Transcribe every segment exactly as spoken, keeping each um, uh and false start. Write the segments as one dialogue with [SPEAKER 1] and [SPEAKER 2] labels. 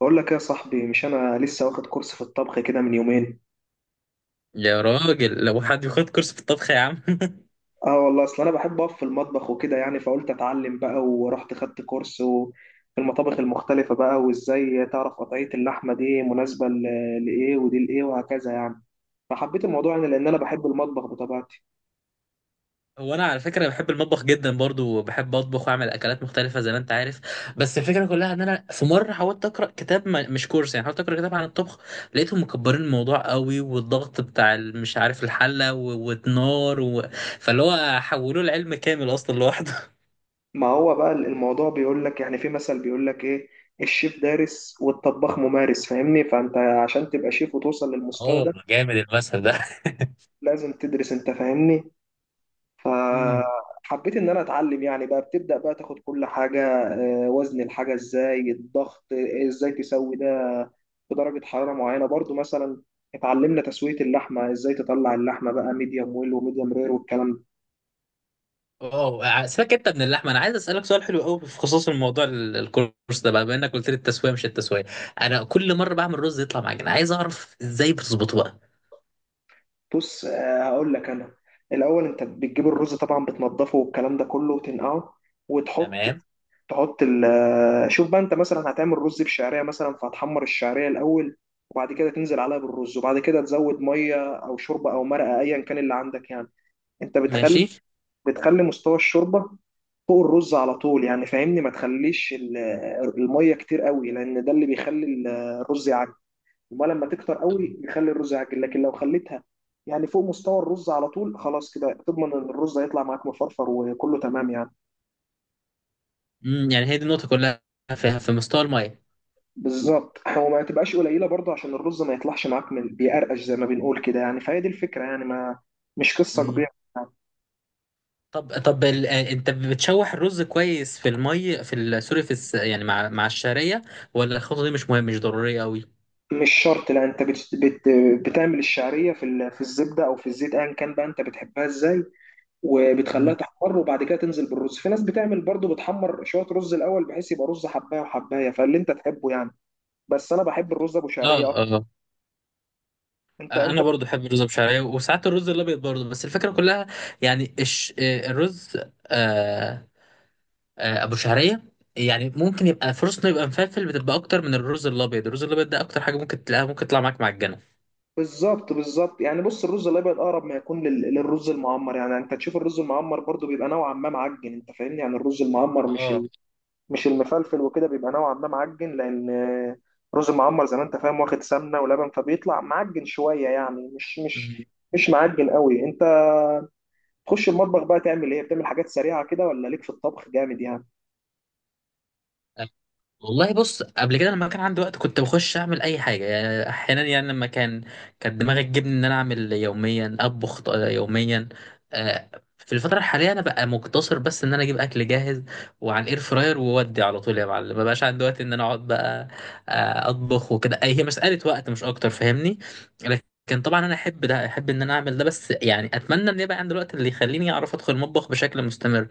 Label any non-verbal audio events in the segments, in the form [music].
[SPEAKER 1] بقول لك ايه يا صاحبي؟ مش انا لسه واخد كورس في الطبخ كده من يومين.
[SPEAKER 2] يا راجل، لو حد ياخد كورس في الطبخ يا عم. [laughs]
[SPEAKER 1] اه والله، اصل انا بحب اقف في المطبخ وكده يعني، فقلت اتعلم بقى ورحت خدت كورس و- في المطابخ المختلفة بقى، وازاي تعرف قطعية اللحمة دي مناسبة ل- لايه، ودي لايه، وهكذا يعني. فحبيت الموضوع يعني، لان انا بحب المطبخ بطبيعتي.
[SPEAKER 2] هو انا على فكره بحب المطبخ جدا برضو، وبحب اطبخ واعمل اكلات مختلفه زي ما انت عارف. بس الفكره كلها ان انا في مره حاولت اقرا كتاب، ما- مش كورس، يعني حاولت اقرا كتاب عن الطبخ. لقيتهم مكبرين الموضوع قوي، والضغط بتاع ال- مش عارف، الحله و- والنار و... فاللي هو حولوه لعلم كامل اصلا لوحده. [laughs]
[SPEAKER 1] ما هو بقى الموضوع بيقول لك يعني، في مثل بيقول لك ايه: الشيف دارس والطباخ ممارس، فاهمني؟ فانت عشان تبقى شيف وتوصل للمستوى
[SPEAKER 2] اه،
[SPEAKER 1] ده
[SPEAKER 2] جامد المثل ده.
[SPEAKER 1] لازم تدرس، انت فاهمني.
[SPEAKER 2] [laughs]
[SPEAKER 1] فحبيت ان انا اتعلم يعني، بقى بتبدا بقى تاخد كل حاجه. آه، وزن الحاجه ازاي، الضغط، آه، ازاي تسوي ده في درجه حراره معينه برضو مثلا. اتعلمنا تسويه اللحمه، ازاي تطلع اللحمه بقى ميديوم ويل وميديوم رير والكلام ده.
[SPEAKER 2] اه، سيبك انت من اللحمه، انا عايز اسالك سؤال حلو قوي في خصوص الموضوع ال- الكورس ده، بقى بما انك قلت لي التسويه مش التسويه. انا كل مره بعمل رز يطلع معجن، عايز اعرف ازاي بتظبطه بقى.
[SPEAKER 1] بص، آه، هقول لك انا. الاول انت بتجيب الرز طبعا، بتنضفه والكلام ده كله، وتنقعه وتحط.
[SPEAKER 2] تمام.
[SPEAKER 1] تحط ال شوف بقى، انت مثلا هتعمل رز بشعريه مثلا، فهتحمر الشعريه الاول، وبعد كده تنزل عليها بالرز، وبعد كده تزود ميه او شوربه او مرقه ايا كان اللي عندك يعني. انت بتخلي
[SPEAKER 2] ماشي.
[SPEAKER 1] بتخلي مستوى الشوربه فوق الرز على طول يعني، فاهمني؟ ما تخليش ال- الميه كتير قوي، لان ده اللي بيخلي ال- الرز يعجن. وما لما تكتر قوي بيخلي الرز يعجن، لكن لو خليتها يعني فوق مستوى الرز على طول، خلاص كده تضمن ان الرز هيطلع معاك مفرفر وكله تمام يعني.
[SPEAKER 2] امم، يعني هي دي النقطه كلها، في في مستوى الميه.
[SPEAKER 1] بالظبط، وما تبقاش قليله برضه عشان الرز ما يطلعش معاك من بيقرقش زي ما بنقول كده يعني، فهي دي الفكره يعني، ما مش قصه
[SPEAKER 2] امم.
[SPEAKER 1] كبيره يعني.
[SPEAKER 2] طب طب ال... آه، انت بتشوح الرز كويس في الميه في ال... سوري، في الس... يعني مع مع الشعريه، ولا الخطوه دي مش مهمه مش ضروريه قوي؟
[SPEAKER 1] مش شرط، لا، انت بت بت بتعمل الشعريه في ال- في الزبده او في الزيت ايا كان بقى، انت بتحبها ازاي. وبتخليها
[SPEAKER 2] امم.
[SPEAKER 1] تحمر، وبعد كده تنزل بالرز. في ناس بتعمل برضه، بتحمر شويه رز الاول بحيث يبقى رز حبايه وحبايه، فاللي انت تحبه يعني. بس انا بحب الرز ابو
[SPEAKER 2] اه
[SPEAKER 1] شعريه اكتر.
[SPEAKER 2] اه.
[SPEAKER 1] انت انت
[SPEAKER 2] انا برضو بحب الرز بشعريه، وساعات الرز الابيض برضو. بس الفكره كلها يعني الش... آه، الرز، آه، آه، ابو شعريه، يعني ممكن يبقى فرصته يبقى مفلفل، بتبقى اكتر من الرز الابيض. الرز الابيض ده اكتر حاجه ممكن تلاقيها ممكن تطلع معاك معجنه.
[SPEAKER 1] بالظبط، بالظبط، يعني بص، الرز الابيض اقرب ما يكون لل- للرز المعمر، يعني انت تشوف الرز المعمر برضو بيبقى نوعا ما معجن، انت فاهمني؟ يعني الرز المعمر مش
[SPEAKER 2] اه
[SPEAKER 1] ال- مش المفلفل، وكده بيبقى نوعا ما معجن، لان آه، الرز المعمر زي ما انت فاهم واخد سمنه ولبن، فبيطلع معجن شويه يعني، مش مش مش معجن قوي. انت تخش المطبخ بقى تعمل ايه؟ بتعمل حاجات سريعه كده، ولا ليك في الطبخ جامد يعني؟
[SPEAKER 2] والله. بص، قبل كده لما كان عندي وقت كنت بخش اعمل اي حاجه، يعني احيانا يعني لما كان، كانت دماغي تجيبني ان انا اعمل يوميا، اطبخ ط- يوميا. آه، في الفتره الحاليه انا بقى مقتصر بس ان انا اجيب اكل جاهز، وعن اير فراير وودي على طول يا معلم. ما بقاش عندي وقت ان انا اقعد بقى آه، اطبخ وكده. أي- هي مساله وقت مش اكتر، فاهمني؟ لكن طبعا انا احب ده، احب ان انا اعمل ده، بس يعني اتمنى ان يبقى عندي الوقت اللي يخليني اعرف ادخل المطبخ بشكل مستمر.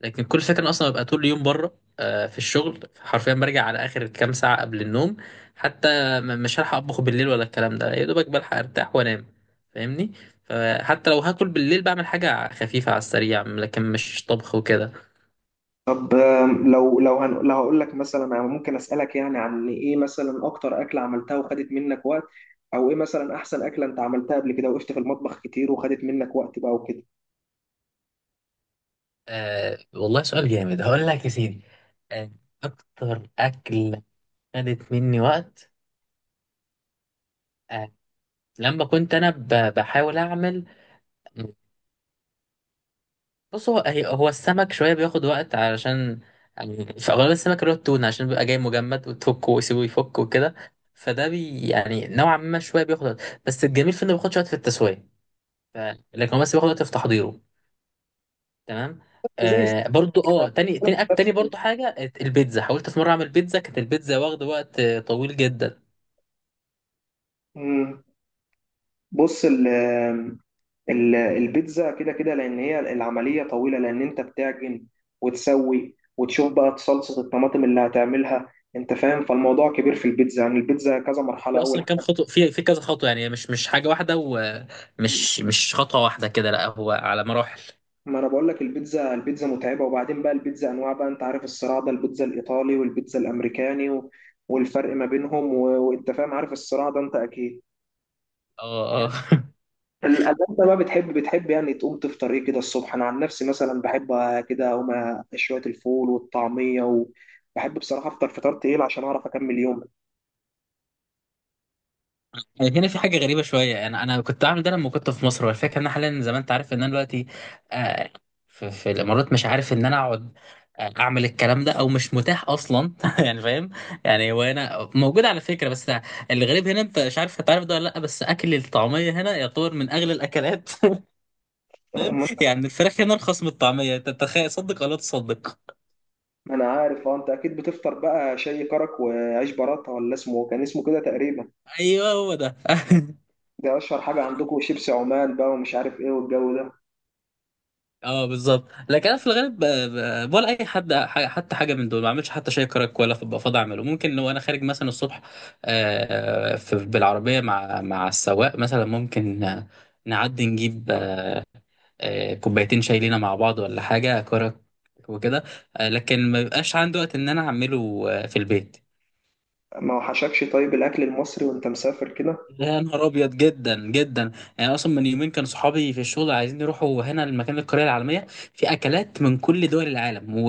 [SPEAKER 2] لكن كل فكرة اصلا ببقى طول اليوم بره، آه، في الشغل حرفيا. برجع على اخر كام ساعه قبل النوم حتى، م- مش هلحق اطبخ بالليل ولا الكلام ده، يا دوبك بلحق ارتاح وانام، فاهمني؟ فحتى لو هاكل بالليل بعمل حاجه خفيفه على السريع، لكن مش طبخ وكده.
[SPEAKER 1] طب، آم، لو لو هن... لو هقول لك مثلا، أنا ممكن أسألك يعني عن إيه مثلا أكتر أكلة عملتها وخدت منك وقت، أو إيه مثلا أحسن أكلة أنت عملتها قبل كده وقفت في المطبخ كتير وخدت منك وقت بقى وكده؟
[SPEAKER 2] آه والله، سؤال جامد. هقول لك يا سيدي. آه. أكتر أكلة خدت مني وقت، آه، لما كنت أنا ب- بحاول أعمل. بص، هو هي- هو السمك شوية بياخد وقت، علشان يعني في أغلب السمك اللي هو التونة، عشان بيبقى جاي مجمد، وتفكه ويسيبه يفك وكده. فده بي يعني نوعا ما شوية بياخد وقت، بس الجميل في إنه بياخدش وقت في التسوية. ف... لكن هو بس بياخد وقت في تحضيره. تمام.
[SPEAKER 1] زي
[SPEAKER 2] آه، برضو اه،
[SPEAKER 1] كده.
[SPEAKER 2] تاني تاني أك- تاني برضو حاجة، البيتزا. حاولت في مرة أعمل بيتزا، كانت البيتزا واخدة وقت آه، طويل جدا.
[SPEAKER 1] مم. بص، ال ال- البيتزا كده كده، لان هي العمليه طويله، لان انت بتعجن وتسوي، وتشوف بقى صلصه الطماطم اللي هتعملها، انت فاهم؟ فالموضوع كبير في البيتزا يعني، البيتزا كذا مرحله.
[SPEAKER 2] في أصلا
[SPEAKER 1] اول
[SPEAKER 2] كام خطوة، في في كذا خطوة، يعني مش مش حاجة واحدة، ومش مش خطوة واحدة كده، لا هو على مراحل.
[SPEAKER 1] ما انا بقول لك، البيتزا البيتزا متعبه، وبعدين بقى البيتزا انواع بقى، انت عارف الصراع ده، البيتزا الايطالي والبيتزا الامريكاني، و... والفرق ما بينهم، و... وانت فاهم عارف الصراع ده انت اكيد.
[SPEAKER 2] اه اه.
[SPEAKER 1] ال- انت بقى بتحب بتحب يعني تقوم تفطر ايه كده الصبح؟ انا عن نفسي مثلا بحب كده اقوم أ- شويه الفول والطعميه، وبحب بصراحه افطر فطار تقيل عشان اعرف اكمل يومي.
[SPEAKER 2] يعني هنا في حاجة غريبة شوية، أنا أنا كنت بعمل ده لما كنت في مصر، والفكرة إن أنا حاليا زي ما أنت عارف إن أنا دلوقتي آه، في, في الإمارات، مش عارف إن أنا أقعد آه، أعمل الكلام ده، أو مش متاح أصلا. [laughs] يعني فاهم، يعني هو هنا موجود على فكرة، بس الغريب هنا أنت مش عارف هتعرف ده ولا لأ، بس أكل الطعمية هنا يعتبر من أغلى الأكلات. [laughs] فاهم؟
[SPEAKER 1] [laughs]
[SPEAKER 2] يعني الفراخ هنا أرخص من الطعمية، أنت تخيل، صدق ولا تصدق.
[SPEAKER 1] ما انا عارف، اه، انت اكيد بتفطر بقى شاي كرك وعيش براته، ولا اسمه كان اسمه كده تقريبا.
[SPEAKER 2] أيوه هو ده. [laughs]
[SPEAKER 1] ده اشهر حاجه عندكم، شيبسي عمان بقى ومش عارف ايه والجو ده.
[SPEAKER 2] اه بالظبط. لكن انا في الغالب ب- ب- ولا اي حد، ح- حتى حاجه من دول ما اعملش، حتى شاي كرك ولا بفضل اعمله. ممكن لو انا خارج مثلا الصبح آه، في- بالعربيه مع مع السواق مثلا، ممكن آه، نعدي نجيب آه، آه، كوبايتين شاي لينا مع بعض، ولا حاجه كرك وكده. آه، لكن ما بيبقاش عندي وقت ان انا اعمله آه، في البيت.
[SPEAKER 1] ما وحشكش طيب الاكل المصري وانت مسافر كده؟
[SPEAKER 2] يا نهار ابيض، جدا جدا يعني. اصلا من يومين كان صحابي في الشغل عايزين يروحوا هنا المكان، القريه العالميه، في اكلات من كل دول العالم و...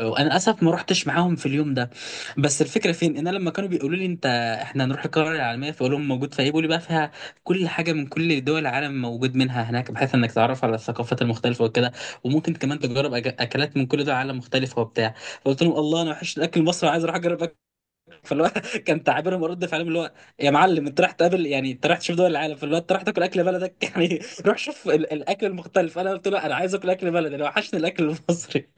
[SPEAKER 2] وانا للاسف ما رحتش معاهم في اليوم ده. بس الفكره فين؟ ان انا لما كانوا بيقولوا لي انت، احنا هنروح القريه العالميه، فاقول لهم موجود فيها ايه، بيقولوا لي بقى فيها كل حاجه من كل دول العالم، موجود منها هناك، بحيث انك تعرف على الثقافات المختلفه وكده، وممكن كمان تجرب أك- اكلات من كل دول العالم مختلفه وبتاع. فقلت لهم الله، انا وحش الاكل المصري، عايز اروح اجرب. فاللي هو [laughs] كان تعابيرهم ورد فعلهم اللي هو، يا معلم انت رايح تقابل، يعني انت رايح تشوف دول العالم، فاللي هو انت رايح تاكل اكل بلدك؟ [laughs] يعني روح شوف ال- الاكل المختلف. انا قلت له انا عايز اكل اكل بلدي، انا وحشني الاكل المصري.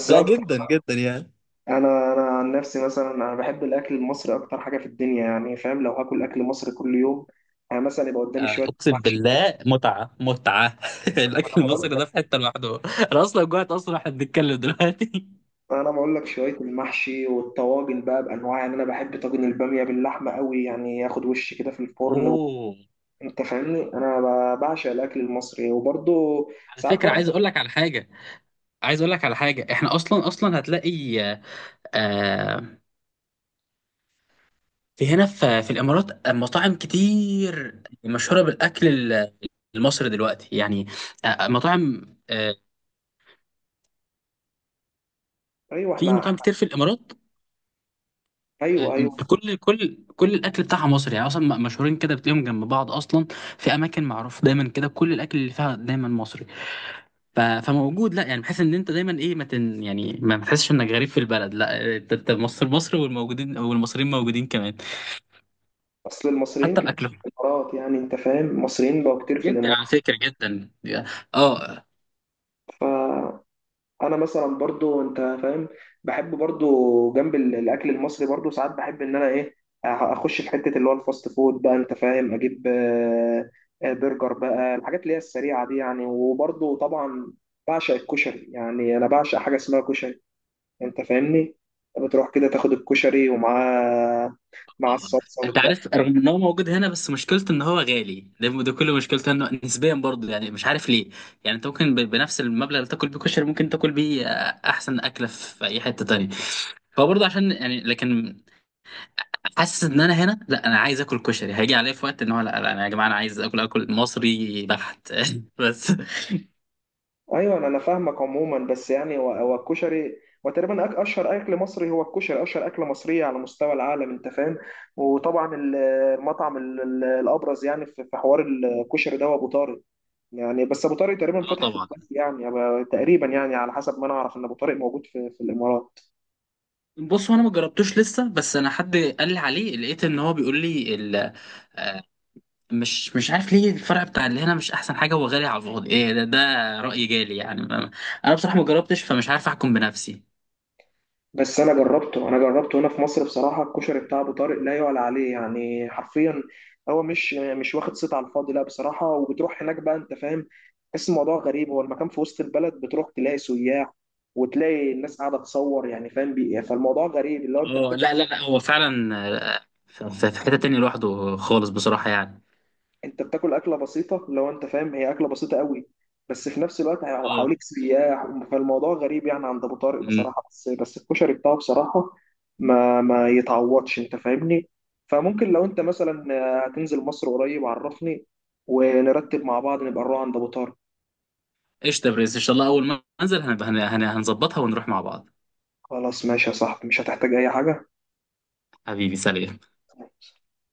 [SPEAKER 2] [laughs] لا، جدا جدا يعني.
[SPEAKER 1] انا انا عن نفسي مثلا، انا بحب الاكل المصري اكتر حاجه في الدنيا يعني، فاهم؟ لو هاكل اكل مصري كل يوم، يعني مثلا يبقى قدامي
[SPEAKER 2] آه،
[SPEAKER 1] شويه
[SPEAKER 2] اقسم
[SPEAKER 1] محشي كده.
[SPEAKER 2] بالله، متعه متعه. [laughs]
[SPEAKER 1] ما انا
[SPEAKER 2] الاكل
[SPEAKER 1] بقول
[SPEAKER 2] المصري
[SPEAKER 1] لك،
[SPEAKER 2] ده في حته لوحده. انا اصلا جوعت اصلا واحنا بنتكلم دلوقتي. [laughs]
[SPEAKER 1] انا بقول لك شويه المحشي والطواجن بقى بانواع يعني، انا بحب طاجن الباميه باللحمه قوي يعني، ياخد وش كده في الفرن و...
[SPEAKER 2] اوه،
[SPEAKER 1] انت فاهمني؟ انا ب- بعشق الاكل المصري، وبرضه
[SPEAKER 2] على
[SPEAKER 1] ساعات
[SPEAKER 2] فكرة
[SPEAKER 1] بره.
[SPEAKER 2] عايز اقول لك على حاجة. عايز اقول لك على حاجة، احنا اصلا اصلا هتلاقي آه، في هنا في في الامارات مطاعم كتير مشهوره بالاكل ال- المصري دلوقتي يعني. آه، آه، مطاعم آه،
[SPEAKER 1] ايوه،
[SPEAKER 2] في
[SPEAKER 1] احنا.
[SPEAKER 2] مطاعم كتير في الامارات. آه،
[SPEAKER 1] ايوه، ايوه.
[SPEAKER 2] كل كل كل الاكل بتاعها مصري يعني. اصلا م- مشهورين كده، بتلاقيهم جنب بعض اصلا، في اماكن معروف دايما كده كل الاكل اللي فيها دايما مصري. ف- فموجود لا يعني، بحيث ان انت دايما ايه، ما تن يعني ما تحسش انك غريب في البلد. لا، انت أنت مصر مصر، والموجودين والمصريين موجودين كمان،
[SPEAKER 1] اصل المصريين
[SPEAKER 2] حتى
[SPEAKER 1] كتير
[SPEAKER 2] باكلهم.
[SPEAKER 1] في الامارات، يعني انت فاهم المصريين بقوا كتير في
[SPEAKER 2] جدا على فكره، جدا. اه.
[SPEAKER 1] الامارات. انا مثلا برضو، انت فاهم، بحب برضو جنب ال- الاكل المصري برضو، ساعات بحب ان انا ايه، أ- اخش في حته اللي هو الفاست فود بقى، انت فاهم، اجيب آه، آه، برجر بقى، الحاجات اللي هي السريعه دي يعني. وبرضو طبعا بعشق الكشري، يعني انا بعشق حاجه اسمها كشري، انت فاهمني؟ بتروح كده تاخد الكشري ومعاه، مع
[SPEAKER 2] اه.
[SPEAKER 1] الصلصه.
[SPEAKER 2] انت عارف، رغم ان هو موجود هنا بس مشكلته ان هو غالي، ده ده كل مشكلته انه نسبيا برضه، يعني مش عارف ليه. يعني انت ممكن ب- بنفس المبلغ اللي تاكل بيه كشري ممكن تاكل بيه آه، احسن اكله في اي حته تانية. هو برضه عشان، يعني لكن حاسس ان انا هنا لا، انا عايز اكل كشري، هيجي عليا في وقت ان هو لا، لا انا يا جماعه، انا عايز اكل اكل مصري بحت. [laughs] بس.
[SPEAKER 1] ايوه، انا فاهمك. عموما بس يعني هو هو الكشري، وتقريبا أك- اشهر اكل مصري هو الكشري، اشهر اكله مصريه على مستوى العالم، انت فاهم؟ وطبعا ال- المطعم ال- ال- الابرز يعني، في في حوار الكشري ده، هو ابو طارق يعني. بس ابو طارق تقريبا
[SPEAKER 2] اه
[SPEAKER 1] فاتح في
[SPEAKER 2] طبعا.
[SPEAKER 1] دبي يعني، أبقى- تقريبا يعني على حسب ما انا اعرف ان ابو طارق موجود في في الامارات.
[SPEAKER 2] بص هو انا ما جربتوش لسه، بس انا حد قال لي عليه لقيت ان هو بيقول لي، مش مش عارف ليه الفرع بتاع اللي هنا مش احسن حاجه، وغالي على الفاضي. ايه ده؟ ده راي جالي يعني. ما- انا بصراحه ما جربتش، فمش عارف احكم بنفسي.
[SPEAKER 1] بس انا جربته انا جربته هنا في مصر بصراحه، الكشري بتاع ابو طارق لا يعلى عليه يعني، حرفيا. هو مش مش واخد صيت على الفاضي، لا بصراحه. وبتروح هناك بقى، انت فاهم، تحس الموضوع غريب، هو المكان في وسط البلد، بتروح تلاقي سياح وتلاقي الناس قاعده تصور يعني، فاهم؟ بي... فالموضوع غريب، اللي هو انت
[SPEAKER 2] اه، لا لا لا، هو فعلا آه، في في- في حته تانية لوحده خالص بصراحه يعني.
[SPEAKER 1] انت بتاكل اكله بسيطه، لو انت فاهم، هي اكله بسيطه قوي، بس في نفس الوقت هو
[SPEAKER 2] اه.
[SPEAKER 1] حواليك سياح، فالموضوع غريب يعني عند ابو طارق
[SPEAKER 2] أمم.
[SPEAKER 1] بصراحه. بس بس الكشري بتاعه بصراحه ما ما يتعوضش، انت فاهمني؟ فممكن لو انت مثلا هتنزل مصر قريب عرفني ونرتب مع بعض نبقى نروح عند ابو طارق.
[SPEAKER 2] قشطه يا برنس، ان شاء الله اول ما انزل هنبقى هن- هن- هنظبطها ونروح مع بعض.
[SPEAKER 1] خلاص ماشي يا صاحبي، مش هتحتاج اي حاجه.
[SPEAKER 2] حبيبي سلام.